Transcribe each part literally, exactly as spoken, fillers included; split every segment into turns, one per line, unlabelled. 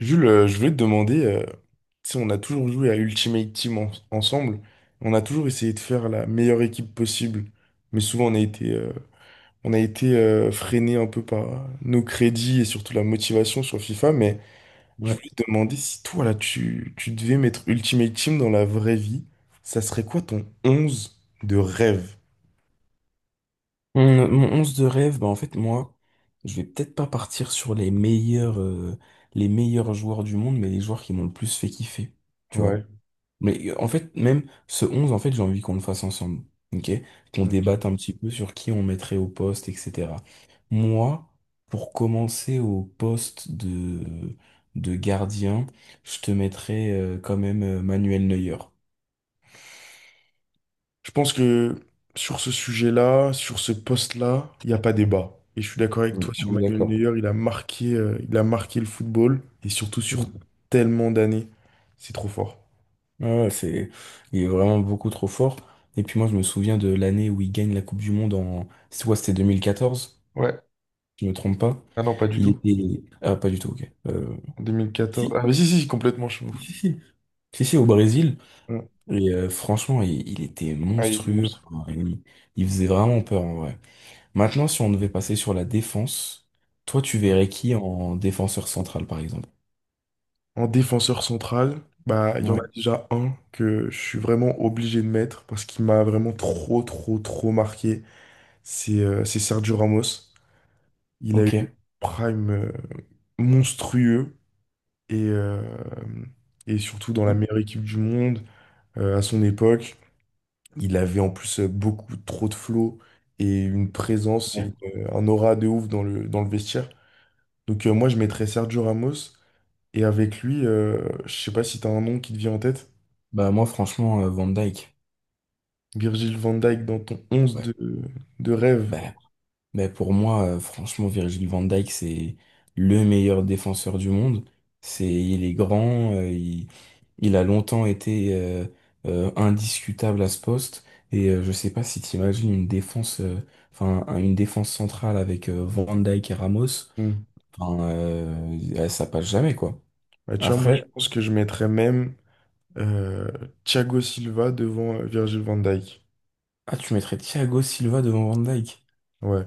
Jules, euh, je voulais te demander, euh, tu sais, on a toujours joué à Ultimate Team en- ensemble, on a toujours essayé de faire la meilleure équipe possible, mais souvent on a été, euh, on a été euh, freiné un peu par nos crédits et surtout la motivation sur FIFA, mais je
Ouais.
voulais te demander si toi, là, tu, tu devais mettre Ultimate Team dans la vraie vie, ça serait quoi ton onze de rêve?
Mon, mon onze de rêve, bah en fait, moi, je vais peut-être pas partir sur les meilleurs, euh, les meilleurs joueurs du monde, mais les joueurs qui m'ont le plus fait kiffer. Tu vois?
Ouais.
Mais euh, en fait, même ce onze, en fait, j'ai envie qu'on le fasse ensemble. Ok? Qu'on débatte un petit peu sur qui on mettrait au poste, et cetera. Moi, pour commencer au poste de, de gardien, je te mettrais euh, quand même euh, Manuel Neuer.
Je pense que sur ce sujet-là, sur ce poste-là, il n'y a pas débat. Et je suis d'accord avec
Ouais,
toi sur
on est
Manuel
d'accord.
Neuer, il a marqué, euh, il a marqué le football, et surtout sur tellement d'années. C'est trop fort.
Ouais, ouais, c'est, il est vraiment beaucoup trop fort. Et puis moi, je me souviens de l'année où il gagne la Coupe du Monde en, c'est quoi, c'était deux mille quatorze,
Ouais.
je me trompe pas.
Ah non, pas du
Il
tout.
était, ah, pas du tout, ok. Euh,
En deux mille quatorze,
Si,
ah, mais si, si, complètement, je suis ouf.
si, si. Si, si, au Brésil.
Mm.
Et euh, franchement, il, il était
Ah, il est
monstrueux.
monstre.
Enfin, Il, il faisait vraiment peur, en vrai. Maintenant, si on devait passer sur la défense, toi, tu
Ouais.
verrais qui en défenseur central, par exemple?
En défenseur central, bah, il y en
Ouais,
a déjà un que je suis vraiment obligé de mettre parce qu'il m'a vraiment trop, trop, trop marqué. C'est euh, c'est Sergio Ramos. Il a
ok.
eu un prime euh, monstrueux et, euh, et surtout dans la meilleure équipe du monde euh, à son époque. Il avait en plus euh, beaucoup trop de flow et une présence
Ouais.
et une- euh, un aura de ouf dans le, dans le vestiaire. Donc euh, moi je mettrais Sergio Ramos et avec lui, euh, je sais pas si t'as un nom qui te vient en tête,
Bah, moi, franchement, euh, Van Dyke.
Virgil van Dijk dans ton onze
Ouais.
de, de rêve.
bah, Mais pour moi, euh, franchement, Virgil van Dijk, c'est le meilleur défenseur du monde. C'est, il est grand, euh, il, il a longtemps été euh, euh, indiscutable à ce poste. Et euh, je sais pas si t'imagines une défense, euh, enfin un- une défense centrale avec euh, Van Dijk et Ramos.
Hmm.
Enfin, euh, euh, ça passe jamais quoi.
Bah, tu vois, moi je
Après,
pense que je mettrais même euh, Thiago Silva devant euh, Virgil van Dijk.
ah tu mettrais Thiago Silva devant Van Dijk.
Ouais.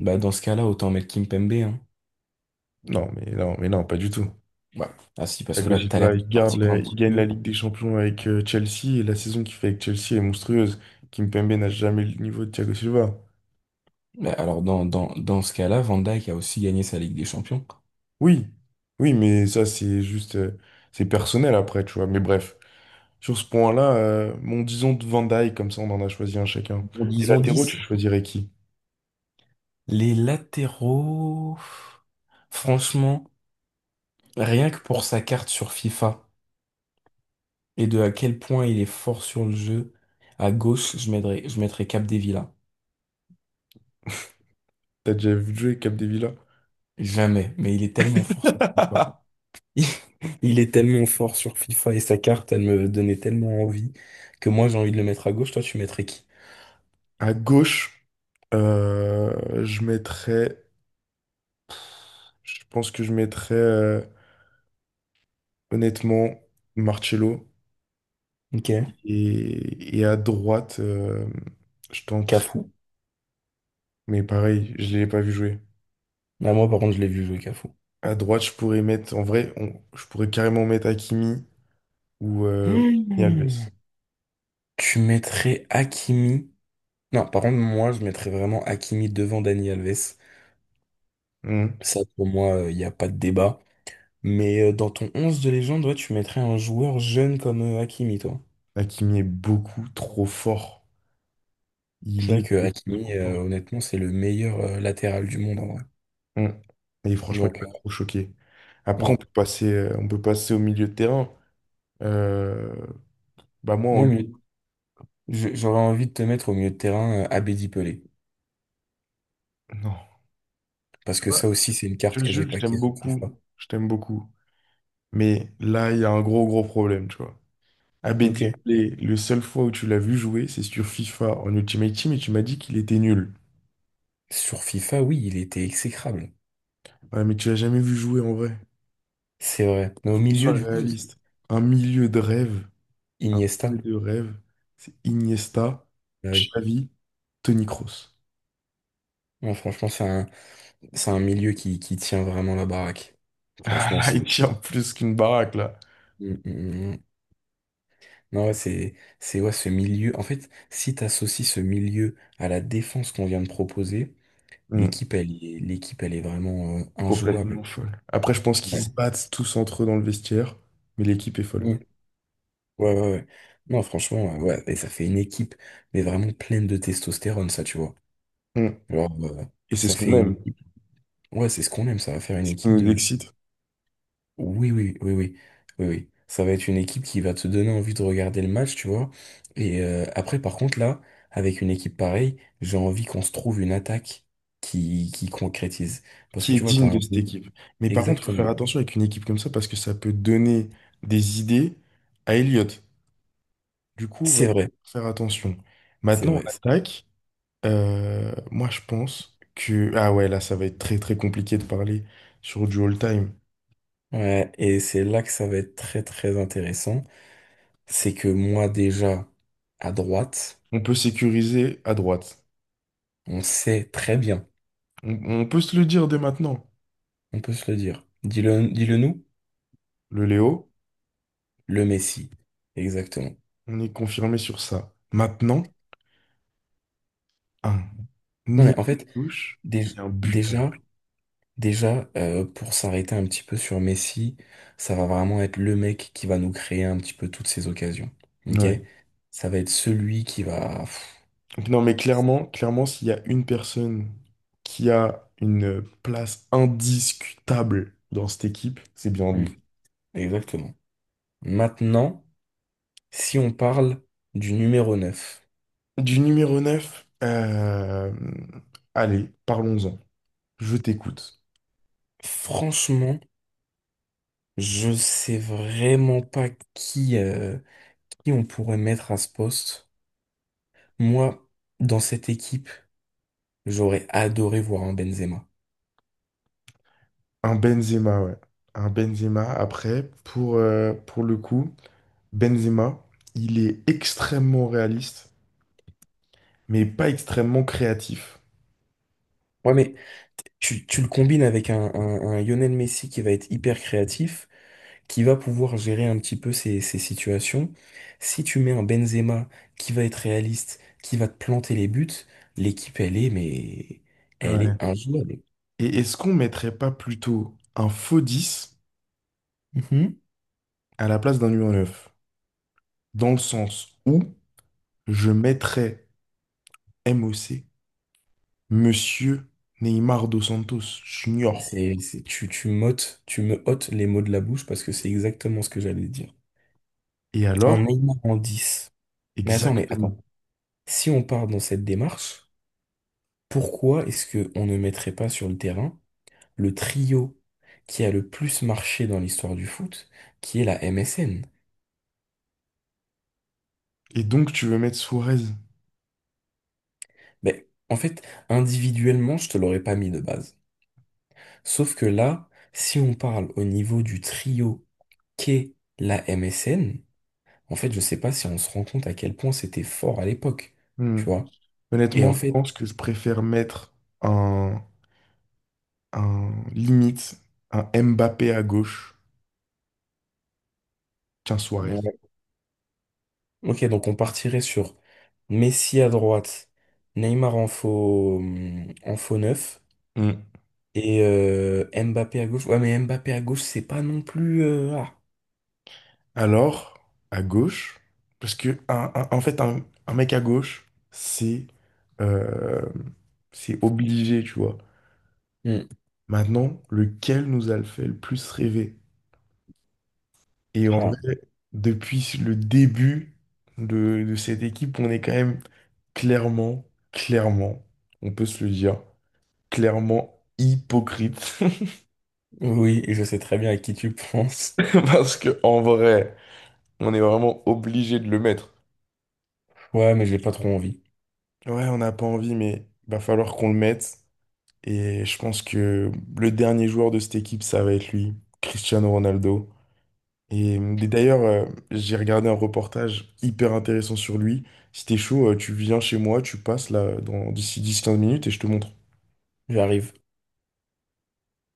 Bah dans ce cas-là, autant mettre Kimpembe. Hein.
Non, mais non, mais non, pas du tout.
Ouais. Ah si, parce que
Thiago
là, t'as l'air
Silva,
de
il garde
partir
la-
un
il
petit
gagne la
peu.
Ligue des Champions avec euh, Chelsea et la saison qu'il fait avec Chelsea est monstrueuse. Kimpembe n'a jamais le niveau de Thiago Silva.
Mais alors, dans, dans, dans ce cas-là, Van Dijk a aussi gagné sa Ligue des Champions.
Oui, oui, mais ça, c'est juste, euh, c'est personnel après, tu vois. Mais bref, sur ce point-là, euh, mon disons de Van Dijk, comme ça, on en a choisi un chacun.
Bon,
Les
disons
latéraux,
dix.
tu choisirais qui?
Les latéraux, franchement, rien que pour sa carte sur FIFA et de à quel point il est fort sur le jeu, à gauche, je mettrais, je mettrais Capdevila.
T'as déjà vu jouer Capdevila?
Jamais, mais il est tellement fort sur FIFA. Il est tellement fort sur FIFA et sa carte, elle me donnait tellement envie que moi, j'ai envie de le mettre à gauche. Toi, tu mettrais qui?
À gauche, euh, je mettrais, je pense que je mettrais, euh, honnêtement, Marcelo.
Ok.
Et, et à droite, euh, je tenterai.
Cafu.
Mais pareil, je l'ai pas vu jouer.
Ah, moi, par contre, je l'ai vu jouer Cafu.
À droite, je pourrais mettre, en vrai, on- je pourrais carrément mettre Hakimi ou euh, Dani
Hmm.
Alves.
Tu mettrais Hakimi. Non, par contre, moi, je mettrais vraiment Hakimi devant Dani Alves.
Hmm.
Ça, pour moi, il n'y a pas de débat. Mais euh, dans ton onze de légende, ouais, tu mettrais un joueur jeune comme euh, Hakimi, toi.
Hakimi est beaucoup trop fort. Il
C'est vrai
est
que
beaucoup trop
Hakimi, euh,
fort.
honnêtement, c'est le meilleur euh, latéral du monde, en vrai.
Hmm. Et franchement, il
Donc, euh,
m'a trop choqué. Après, on
ouais.
peut passer, euh, on peut passer au milieu de terrain. Euh, bah moi,
Moi, au
en...
milieu- je- j'aurais envie de te mettre au milieu de terrain euh, Abedi Pelé.
non.
Parce
Tu
que
vois,
ça aussi, c'est une
tu
carte
vois,
que j'ai
Jules, je
paquée
t'aime
sur
beaucoup.
FIFA.
Je t'aime beaucoup. Mais là, il y a un gros, gros problème, tu vois. Abed
Ok.
Diablé, le seul fois où tu l'as vu jouer, c'est sur FIFA en Ultimate Team et tu m'as dit qu'il était nul.
Sur FIFA, oui, il était exécrable.
Ouais, mais tu l'as jamais vu jouer en vrai.
C'est vrai. Mais au
Faut qu'on soit
milieu, du coup, c'est
réaliste. Un milieu de rêve, un
Iniesta.
milieu de rêve, c'est Iniesta,
Ah oui.
Xavi, Toni Kroos.
Ouais, franchement, c'est un, c'est un milieu qui, qui tient vraiment la baraque.
Ah
Franchement,
là, il
c'est...
tient plus qu'une baraque là.
Mm, mm, mm. Non, ouais, c'est, c'est ouais, ce milieu. En fait, si t'associes ce milieu à la défense qu'on vient de proposer,
Hmm,
l'équipe, elle, est- l'équipe, elle est vraiment euh, injouable.
complètement folle. Après, je pense qu'ils se
Ouais.
battent tous entre eux dans le vestiaire, mais l'équipe est folle.
Mm. Ouais, ouais, ouais. Non, franchement, euh, ouais, et ça fait une équipe, mais vraiment pleine de testostérone, ça, tu vois.
Hmm,
Genre, euh,
et c'est
ça
ce
fait
qu'on
une
aime,
équipe. Ouais, c'est ce qu'on aime, ça va faire une
ce qui
équipe
nous
de
excite.
oui, oui, oui, oui, oui, oui. Ça va être une équipe qui va te donner envie de regarder le match, tu vois. Et euh, après, par contre, là, avec une équipe pareille, j'ai envie qu'on se trouve une attaque qui, qui concrétise. Parce
Qui
que
est
tu vois, t'as
digne de
un...
cette équipe. Mais par contre, il faut faire
Exactement.
attention avec une équipe comme ça parce que ça peut donner des idées à Elliott. Du coup, va
C'est vrai,
faire attention.
c'est
Maintenant,
vrai.
on attaque. Euh, moi, je pense que... Ah ouais, là, ça va être très très compliqué de parler sur du all-time.
Ouais, et c'est là que ça va être très, très intéressant. C'est que moi, déjà, à droite,
On peut sécuriser à droite.
on sait très bien,
On, on peut se le dire dès maintenant.
on peut se le dire. Dis-le, dis-le nous,
Le Léo,
le Messi. Exactement.
on est confirmé sur ça. Maintenant, un
Non,
nez
mais en fait,
touche
dé-
et un
déjà...
buteur.
Déjà, euh, pour s'arrêter un petit peu sur Messi, ça va vraiment être le mec qui va nous créer un petit peu toutes ces occasions. Ok?
Ouais.
Ça va être celui qui va. Pff,
Donc non, mais clairement, clairement, s'il y a une personne qui a une place indiscutable dans cette équipe, c'est bien
mm,
lui.
exactement. Maintenant, si on parle du numéro neuf,
Du numéro neuf, euh, allez, parlons-en. Je t'écoute.
franchement, je sais vraiment pas qui, euh, qui on pourrait mettre à ce poste. Moi, dans cette équipe, j'aurais adoré voir un Benzema.
Un Benzema, ouais. Un Benzema, après, pour, euh, pour le coup, Benzema, il est extrêmement réaliste, mais pas extrêmement créatif.
Ouais, mais t- tu, tu le combines avec un, un, un Lionel Messi qui va être hyper créatif, qui va pouvoir gérer un petit peu ces, ces situations. Si tu mets un Benzema qui va être réaliste, qui va te planter les buts, l'équipe, elle est, mais elle est
Ouais.
injouable.
Et est-ce qu'on mettrait pas plutôt un faux dix
Mhm.
à la place d'un numéro neuf, dans le sens où... je mettrais M O C, Monsieur Neymar dos Santos Junior.
C'est, c'est- tu, tu m'ôtes, tu me ôtes les mots de la bouche parce que c'est exactement ce que j'allais dire.
Et
Un
alors?
Neymar en dix. Mais attends, mais attends.
Exactement.
Si on part dans cette démarche, pourquoi est-ce qu'on ne mettrait pas sur le terrain le trio qui a le plus marché dans l'histoire du foot, qui est la M S N.
Et donc, tu veux mettre Suarez?
Mais en fait, individuellement, je te l'aurais pas mis de base. Sauf que là, si on parle au niveau du trio qu'est la M S N, en fait, je sais pas si on se rend compte à quel point c'était fort à l'époque, tu
Hmm.
vois. Et en
Honnêtement, je
fait,
pense que je préfère mettre un, un limite, un Mbappé à gauche qu'un Suarez.
ouais. Ok, donc on partirait sur Messi à droite, Neymar en faux, hum, en faux neuf,
Hmm.
et euh, Mbappé à gauche. Ouais, mais Mbappé à gauche, c'est pas non plus. euh, ah.
Alors, à gauche, parce que un- un- en fait, un, un mec à gauche, c'est euh, c'est obligé, tu vois.
Hmm.
Maintenant, lequel nous a le fait le plus rêver? Et en
Ah.
vrai, depuis le début de, de cette équipe, on est quand même clairement, clairement, on peut se le dire, clairement hypocrite.
Oui, je sais très bien à qui tu penses.
Parce que en vrai, on est vraiment obligé de le mettre.
Ouais, mais j'ai pas trop envie.
Ouais, on n'a pas envie, mais va falloir qu'on le mette. Et je pense que le dernier joueur de cette équipe, ça va être lui, Cristiano Ronaldo. Et euh, d'ailleurs, euh, j'ai regardé un reportage hyper intéressant sur lui. Si t'es chaud, euh, tu viens chez moi, tu passes là dans d'ici dix quinze minutes et je te montre.
J'arrive.